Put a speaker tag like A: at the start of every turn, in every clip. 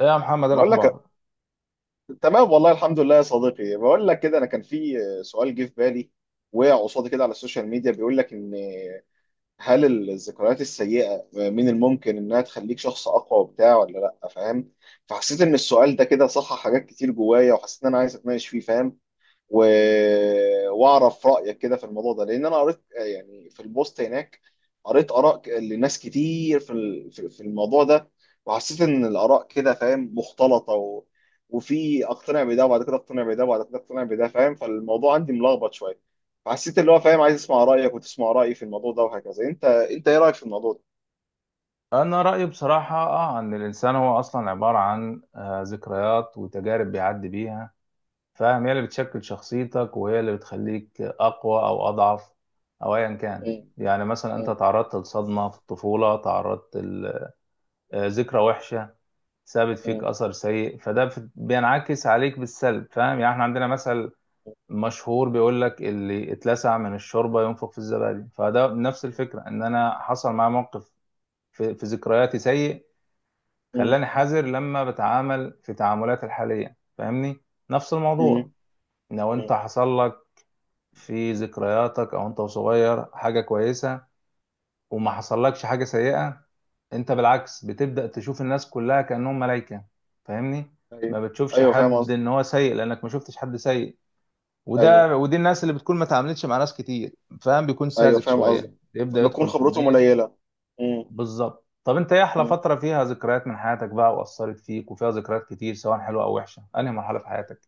A: إيه يا محمد، إيه
B: بقول لك
A: الأخبار؟
B: تمام والله الحمد لله يا صديقي، بقول لك كده انا كان في سؤال جه في بالي، وقع قصادي كده على السوشيال ميديا. بيقول لك ان هل الذكريات السيئة من الممكن انها تخليك شخص اقوى وبتاع ولا لا، فاهم؟ فحسيت ان السؤال ده كده صحح حاجات كتير جوايا، وحسيت ان انا عايز اتناقش فيه، فاهم؟ و... واعرف رايك كده في الموضوع ده، لان انا قريت يعني في البوست هناك، قريت اراء لناس كتير في ال- في في الموضوع ده، وحسيت ان الاراء كده، فاهم، مختلطه. وفي اقتنع بده وبعد كده اقتنع بده وبعد كده اقتنع بده، فاهم، فالموضوع عندي ملخبط شويه. فحسيت اللي هو، فاهم، عايز اسمع رايك وتسمع رايي في الموضوع ده وهكذا. انت ايه رايك في الموضوع ده؟
A: أنا رأيي بصراحة إن الإنسان هو أصلا عبارة عن ذكريات وتجارب بيعدي بيها. فاهم، هي اللي بتشكل شخصيتك وهي اللي بتخليك أقوى أو أضعف أو أيا كان.
B: مم.
A: يعني مثلا أنت
B: مم.
A: تعرضت لصدمة في الطفولة، تعرضت لذكرى وحشة سابت فيك
B: مم.
A: أثر سيء. فده بينعكس عليك بالسلب، فاهم. يعني إحنا عندنا مثل مشهور بيقول لك اللي اتلسع من الشوربة ينفخ في الزبادي، فده نفس
B: مم.
A: الفكرة إن أنا حصل معايا موقف في ذكرياتي سيء،
B: مم.
A: خلاني حذر لما بتعامل في تعاملاتي الحالية، فاهمني. نفس الموضوع،
B: مم.
A: لو انت
B: مم.
A: حصل لك في ذكرياتك او انت صغير حاجة كويسة وما حصلكش حاجة سيئة، انت بالعكس بتبدأ تشوف الناس كلها كأنهم ملايكة، فاهمني. ما
B: ايوه.
A: بتشوفش
B: ايوه، فاهم
A: حد
B: قصدي.
A: ان هو سيء لانك ما شفتش حد سيء.
B: ايوه.
A: ودي الناس اللي بتكون ما تعاملتش مع ناس كتير، فاهم، بيكون
B: ايوه،
A: ساذج
B: فاهم قصدك.
A: شوية يبدأ
B: فبتكون
A: يدخل في
B: خبرتهم
A: الدنيا.
B: قليله. مم.
A: بالظبط. طب انت ايه احلى
B: مم.
A: فترة فيها ذكريات من حياتك بقى واثرت فيك وفيها ذكريات كتير سواء حلوة او وحشة، انهي مرحلة في حياتك؟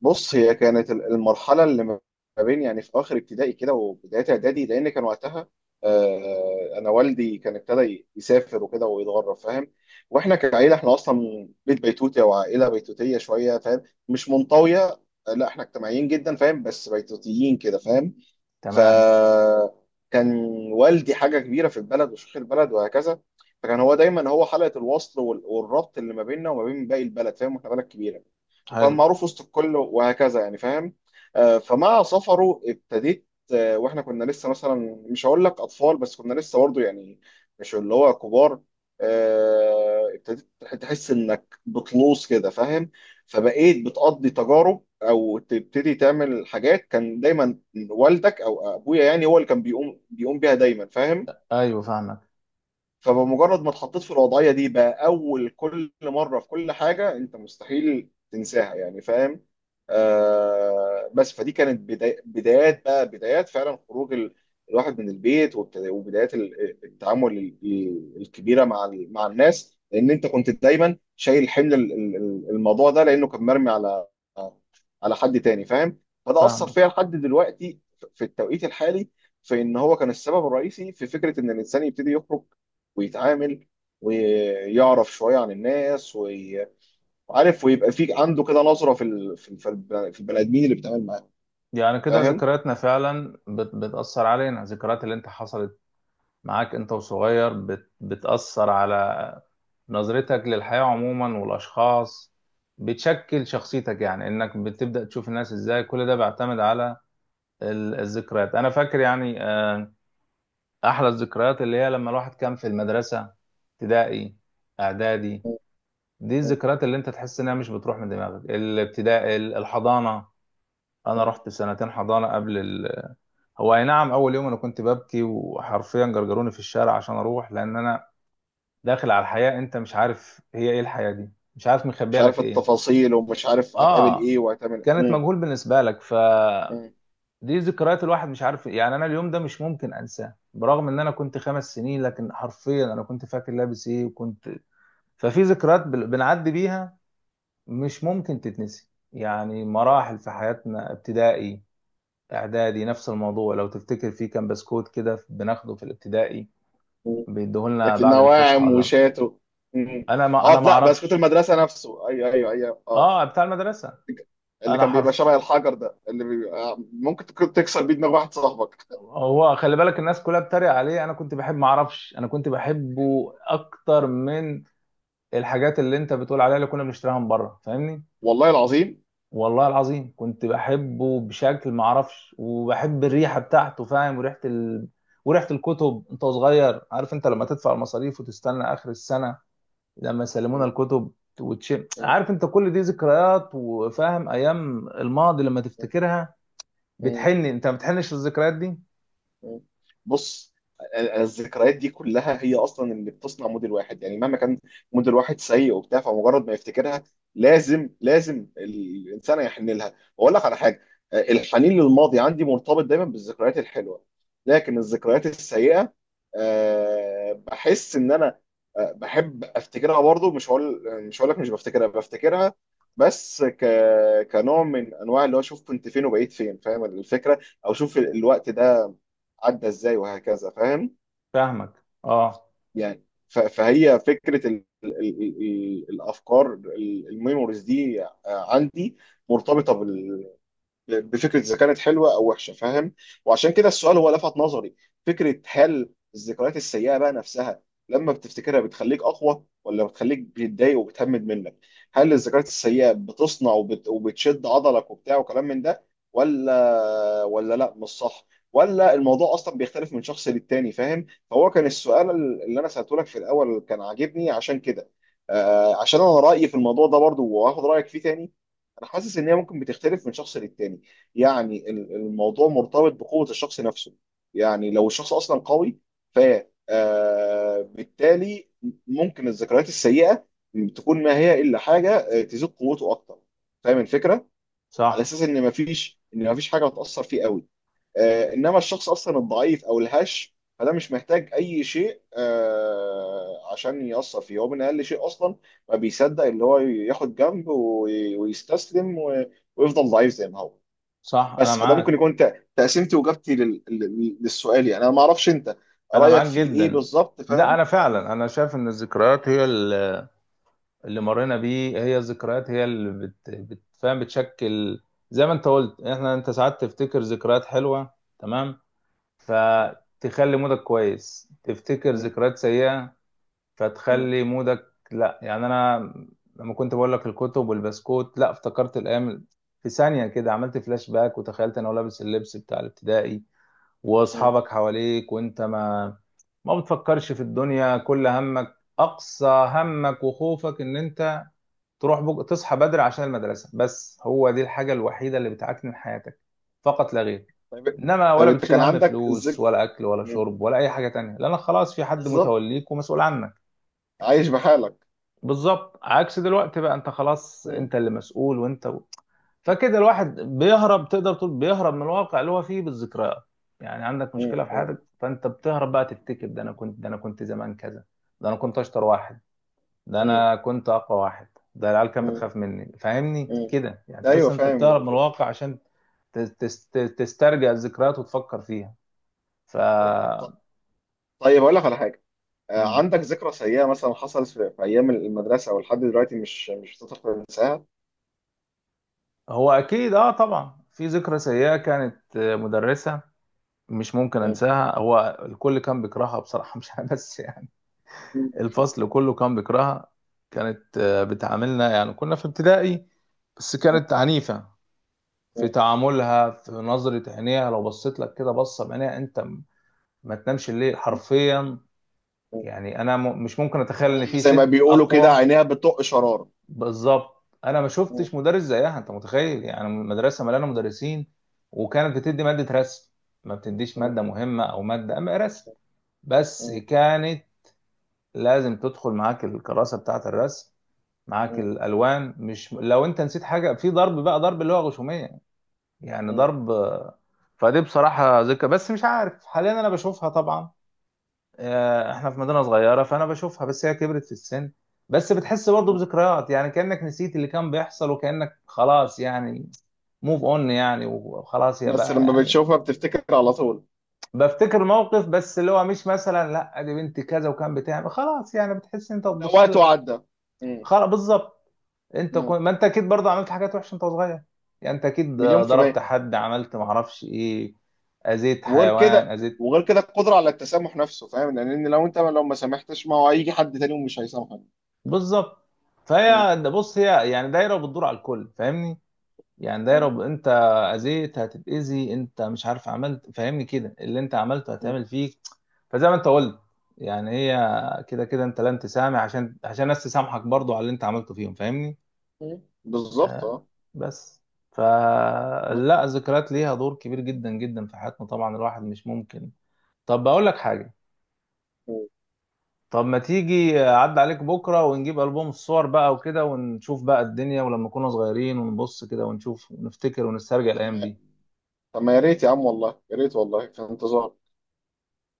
B: بص، هي كانت المرحله اللي ما بين يعني في اخر ابتدائي كده وبدايه اعدادي، لان كان وقتها، انا والدي كان ابتدى يسافر وكده ويتغرب، فاهم. واحنا كعيله، احنا اصلا بيت بيتوتي او عائله بيتوتيه شويه، فاهم، مش منطويه. لا، احنا اجتماعيين جدا، فاهم، بس بيتوتيين كده، فاهم.
A: تمام.
B: فكان والدي حاجة كبيرة في البلد وشيخ البلد وهكذا. فكان هو دايما هو حلقة الوصل والربط اللي ما بيننا وما بين باقي البلد، فاهم، احنا بلد كبيرة، وكان
A: حلو.
B: معروف وسط الكل وهكذا يعني، فاهم. فمع سفره ابتديت. واحنا كنا لسه مثلا، مش هقول لك اطفال، بس كنا لسه برضه يعني مش اللي هو كبار. ابتديت تحس انك بتلوص كده، فاهم. فبقيت بتقضي تجارب او تبتدي تعمل حاجات كان دايما والدك او ابويا يعني هو اللي كان بيقوم بيها دايما، فاهم.
A: ايوه فاهمك.
B: فبمجرد ما اتحطيت في الوضعية دي بقى، أول كل مرة في كل حاجة أنت مستحيل تنساها يعني، فاهم. آه، بس فدي كانت بدايات بقى، بدايات فعلا خروج الواحد من البيت، وبدايات التعامل الكبيرة مع مع الناس، لأن أنت كنت دايما شايل حمل الموضوع ده، لأنه كان مرمي على على حد تاني، فاهم. فده أثر
A: فاهمك.
B: فيا لحد دلوقتي، في التوقيت الحالي، في ان هو كان السبب الرئيسي في فكره ان الانسان يبتدي يخرج ويتعامل ويعرف شويه عن الناس، وعارف، ويبقى في عنده كده نظره في في البني ادمين اللي بيتعامل معاهم،
A: يعني كده
B: فاهم.
A: ذكرياتنا فعلا بتأثر علينا. الذكريات اللي انت حصلت معاك انت وصغير بتأثر على نظرتك للحياة عموما والاشخاص، بتشكل شخصيتك، يعني انك بتبدأ تشوف الناس ازاي، كل ده بيعتمد على الذكريات. انا فاكر يعني، احلى الذكريات اللي هي لما الواحد كان في المدرسه، ابتدائي اعدادي،
B: مم.
A: دي
B: مم.
A: الذكريات اللي انت تحس انها مش بتروح من دماغك. الابتدائي، الحضانه، انا
B: مم.
A: رحت سنتين حضانه قبل هو اي نعم، اول يوم انا كنت ببكي وحرفيا جرجروني في الشارع عشان اروح، لان انا داخل على الحياه، انت مش عارف هي ايه الحياه دي، مش عارف
B: مش
A: مخبيه لك
B: عارف
A: ايه.
B: التفاصيل، ومش عارف هتقابل
A: اه،
B: ايه وهتعمل.
A: كانت
B: مم.
A: مجهول بالنسبه لك، ف
B: مم.
A: دي ذكريات الواحد مش عارف. يعني انا اليوم ده مش ممكن انساه، برغم ان انا كنت 5 سنين، لكن حرفيا انا كنت فاكر لابس ايه وكنت. ففي ذكريات بنعدي بيها مش ممكن تتنسي، يعني مراحل في حياتنا، ابتدائي اعدادي نفس الموضوع. لو تفتكر في كان بسكوت كده بناخده في الابتدائي،
B: مم.
A: بيديهولنا
B: لكن
A: بعد الفسحه
B: نواعم
A: ولا.
B: وشاتو. مم.
A: انا ما انا
B: اه،
A: ما
B: لا، بسكوت
A: اعرفش.
B: المدرسه نفسه، ايوه، ايوه، ايوه، اه.
A: اه بتاع المدرسه.
B: اللي
A: انا
B: كان بيبقى
A: حرف،
B: شبه الحجر ده، اللي بيبقى ممكن تكسر بيه دماغ واحد صاحبك.
A: هو خلي بالك الناس كلها بتتريق عليه، انا كنت بحب، ما اعرفش، انا كنت بحبه اكتر من الحاجات اللي انت بتقول عليها اللي كنا بنشتريها من بره، فاهمني.
B: والله العظيم.
A: والله العظيم كنت بحبه بشكل ما اعرفش، وبحب الريحه بتاعته، فاهم، وريحه الكتب. انت صغير، عارف انت لما تدفع المصاريف وتستنى اخر السنه لما يسلمونا
B: مم.
A: الكتب وتشم،
B: مم.
A: عارف انت كل دي ذكريات. وفاهم، ايام الماضي لما تفتكرها
B: مم.
A: بتحن، انت ما بتحنش الذكريات دي؟
B: مم. بص، الذكريات دي كلها هي اصلا اللي بتصنع موديل واحد، يعني مهما كان موديل واحد سيء وبتاع، فمجرد ما يفتكرها لازم، لازم الانسان يحن لها. واقول لك على حاجه، آه، الحنين للماضي عندي مرتبط دايما بالذكريات الحلوه. لكن الذكريات السيئه، آه، بحس ان انا، آه، بحب افتكرها برضو. مش هقول، مش هقول لك مش بفتكرها، بفتكرها، بس ك... كنوع من انواع اللي هو اشوف كنت فين وبقيت فين، فاهم الفكره، او شوف الوقت ده عدى ازاي وهكذا، فاهم.
A: فاهمك. اه.
B: يعني فهي فكره ال ال ال ال الافكار، الميموريز دي عندي مرتبطه بفكره اذا كانت حلوه او وحشه، فاهم. وعشان كده السؤال هو لفت نظري، فكره هل الذكريات السيئه بقى نفسها لما بتفتكرها بتخليك اقوى، ولا بتخليك بتضايق وبتهمد منك؟ هل الذكريات السيئه بتصنع وبتشد عضلك وبتاع وكلام من ده، ولا لا مش صح، ولا الموضوع اصلا بيختلف من شخص للتاني، فاهم. فهو كان السؤال اللي انا سالته لك في الاول، كان عاجبني عشان كده. آه، عشان انا رايي في الموضوع ده برضو، وهاخد رايك فيه تاني. انا حاسس ان هي ممكن بتختلف من شخص للتاني، يعني الموضوع مرتبط بقوة الشخص نفسه. يعني لو الشخص أصلا قوي، ف، آه، بالتالي ممكن الذكريات السيئة تكون ما هي إلا حاجة، آه، تزيد قوته أكتر، فاهم الفكرة؟ على
A: صح.
B: أساس إن مفيش، إن مفيش حاجة هتأثر فيه قوي. آه، إنما الشخص أصلا الضعيف أو الهش، فده مش محتاج أي شيء، آه، عشان يأثر فيه، هو من أقل شيء أصلا ما بيصدق اللي هو ياخد جنب ويستسلم ويفضل ضعيف زي ما هو.
A: صح. انا
B: بس فده ممكن
A: معاك.
B: يكون تقسيمتي واجابتي للسؤال، يعني انا ما اعرفش انت
A: انا
B: رايك
A: معاك
B: فيه ايه
A: جدا.
B: بالظبط،
A: لا
B: فاهم.
A: انا
B: م-
A: فعلا انا شايف ان الذكريات هي اللي مرينا بيه، هي الذكريات هي اللي بتفهم، بتشكل. زي ما انت قلت، احنا، انت ساعات تفتكر ذكريات حلوة تمام فتخلي مودك كويس، تفتكر
B: م-
A: ذكريات سيئة
B: م-
A: فتخلي مودك لا. يعني انا لما كنت بقول لك الكتب والبسكوت، لا افتكرت الايام، في ثانية كده عملت فلاش باك وتخيلت انا لابس اللبس بتاع الابتدائي
B: م.
A: واصحابك حواليك، وانت ما بتفكرش في الدنيا، كل همك اقصى همك وخوفك ان انت تروح تصحى بدري عشان المدرسة، بس هو دي الحاجة الوحيدة اللي بتعكنن حياتك فقط لا غير،
B: طيب،
A: انما
B: طيب
A: ولا
B: انت
A: بتشيل
B: كان
A: هم
B: عندك
A: فلوس
B: الذك.
A: ولا اكل ولا
B: م.
A: شرب ولا اي حاجة تانية، لانك خلاص في حد
B: بالظبط.
A: متوليك ومسؤول عنك.
B: عايش بحالك.
A: بالظبط، عكس دلوقتي بقى، انت خلاص
B: م-
A: انت اللي مسؤول، وانت
B: م-
A: فكده الواحد بيهرب، تقدر تقول بيهرب من الواقع اللي هو فيه بالذكريات. يعني عندك مشكلة في
B: م-
A: حياتك فانت بتهرب بقى، تفتكر ده انا كنت زمان كذا، ده انا كنت اشطر واحد، ده
B: م-
A: انا كنت اقوى واحد، ده العيال كانت
B: م-
A: بتخاف مني، فاهمني
B: م.
A: كده، يعني تحس
B: ايوه،
A: انت
B: فاهم
A: بتهرب من
B: الفكرة.
A: الواقع عشان تسترجع الذكريات وتفكر فيها. ف
B: ط- طيب اقول لك على حاجه، آه،
A: مم.
B: عندك ذكرى سيئه مثلا حصلت في في ايام المدرسه او لحد دلوقتي، مش مش بتقدر تنساها؟
A: هو اكيد اه، طبعا في ذكرى سيئة كانت، مدرسة، مش ممكن
B: م-
A: انساها. هو الكل كان بيكرهها بصراحة مش انا بس يعني،
B: م-
A: الفصل كله كان بيكرهها. كانت بتعاملنا، يعني كنا في ابتدائي بس
B: م-
A: كانت عنيفة في تعاملها، في نظرة عينيها، لو بصيت لك كده بصة بعينيها انت ما تنامش الليل
B: م-
A: حرفيا.
B: م.
A: يعني انا مش ممكن اتخيل
B: اللي
A: ان
B: هم
A: في
B: زي ما
A: ست
B: بيقولوا كده
A: اقوى.
B: عينيها بتطق شرار.
A: بالظبط، انا ما
B: مم.
A: شفتش مدرس زيها، انت متخيل يعني مدرسه مليانه
B: مم.
A: مدرسين. وكانت بتدي ماده رسم، ما بتديش
B: مم.
A: ماده مهمه او ماده، اما رسم، بس
B: مم.
A: كانت لازم تدخل معاك الكراسه بتاعه الرسم، معاك
B: مم.
A: الالوان، مش لو انت نسيت حاجه في ضرب بقى، ضرب اللي هو غشوميه، يعني
B: مم.
A: ضرب. فدي بصراحه ذكرى، بس مش عارف حاليا انا بشوفها طبعا، احنا في مدينة صغيرة فانا بشوفها، بس هي كبرت في السن، بس بتحس برضه
B: مم.
A: بذكريات، يعني كأنك نسيت اللي كان بيحصل وكأنك خلاص، يعني موف اون يعني، وخلاص يا
B: بس
A: بقى
B: لما
A: يعني.
B: بتشوفها بتفتكر على طول؟
A: بفتكر موقف بس، اللي هو مش مثلا لا دي بنتي كذا وكان بتعمل، خلاص يعني بتحس انت
B: لا،
A: تبص
B: وقت
A: لك
B: وعدى. مم.
A: خلاص. بالظبط، انت
B: مم.
A: كنت ما انت اكيد برضه عملت حاجات وحشة انت صغير، يعني انت اكيد
B: مليون في
A: ضربت
B: المية.
A: حد، عملت معرفش ايه، اذيت
B: وغير
A: حيوان،
B: كده،
A: اذيت.
B: وغير كده القدرة على التسامح نفسه، فاهم، لأن لو أنت لو ما سامحتش ما هو هيجي حد تاني ومش هيسامحك.
A: بالظبط.
B: مم.
A: فهي بص، هي يعني دايرة وبتدور على الكل، فاهمني؟ يعني ده يا
B: مم.
A: رب، انت اذيت هتتاذي، انت مش عارف عملت، فاهمني كده، اللي انت عملته
B: مم.
A: هتعمل فيك. فزي ما انت قلت، يعني هي كده كده انت لن تسامح، عشان الناس تسامحك برضو على اللي انت عملته فيهم، فاهمني.
B: مم. بالظبط،
A: آه،
B: اه.
A: بس،
B: ب-
A: فلا، الذكريات ليها دور كبير جدا جدا في حياتنا طبعا، الواحد مش ممكن. طب بقول لك حاجة، طب ما تيجي عد عليك بكرة ونجيب ألبوم الصور بقى وكده ونشوف بقى الدنيا ولما كنا صغيرين، ونبص كده ونشوف ونفتكر ونسترجع
B: طب
A: الأيام
B: ما،
A: دي.
B: طب ما يا ريت يا عم، والله يا ريت، والله في انتظار.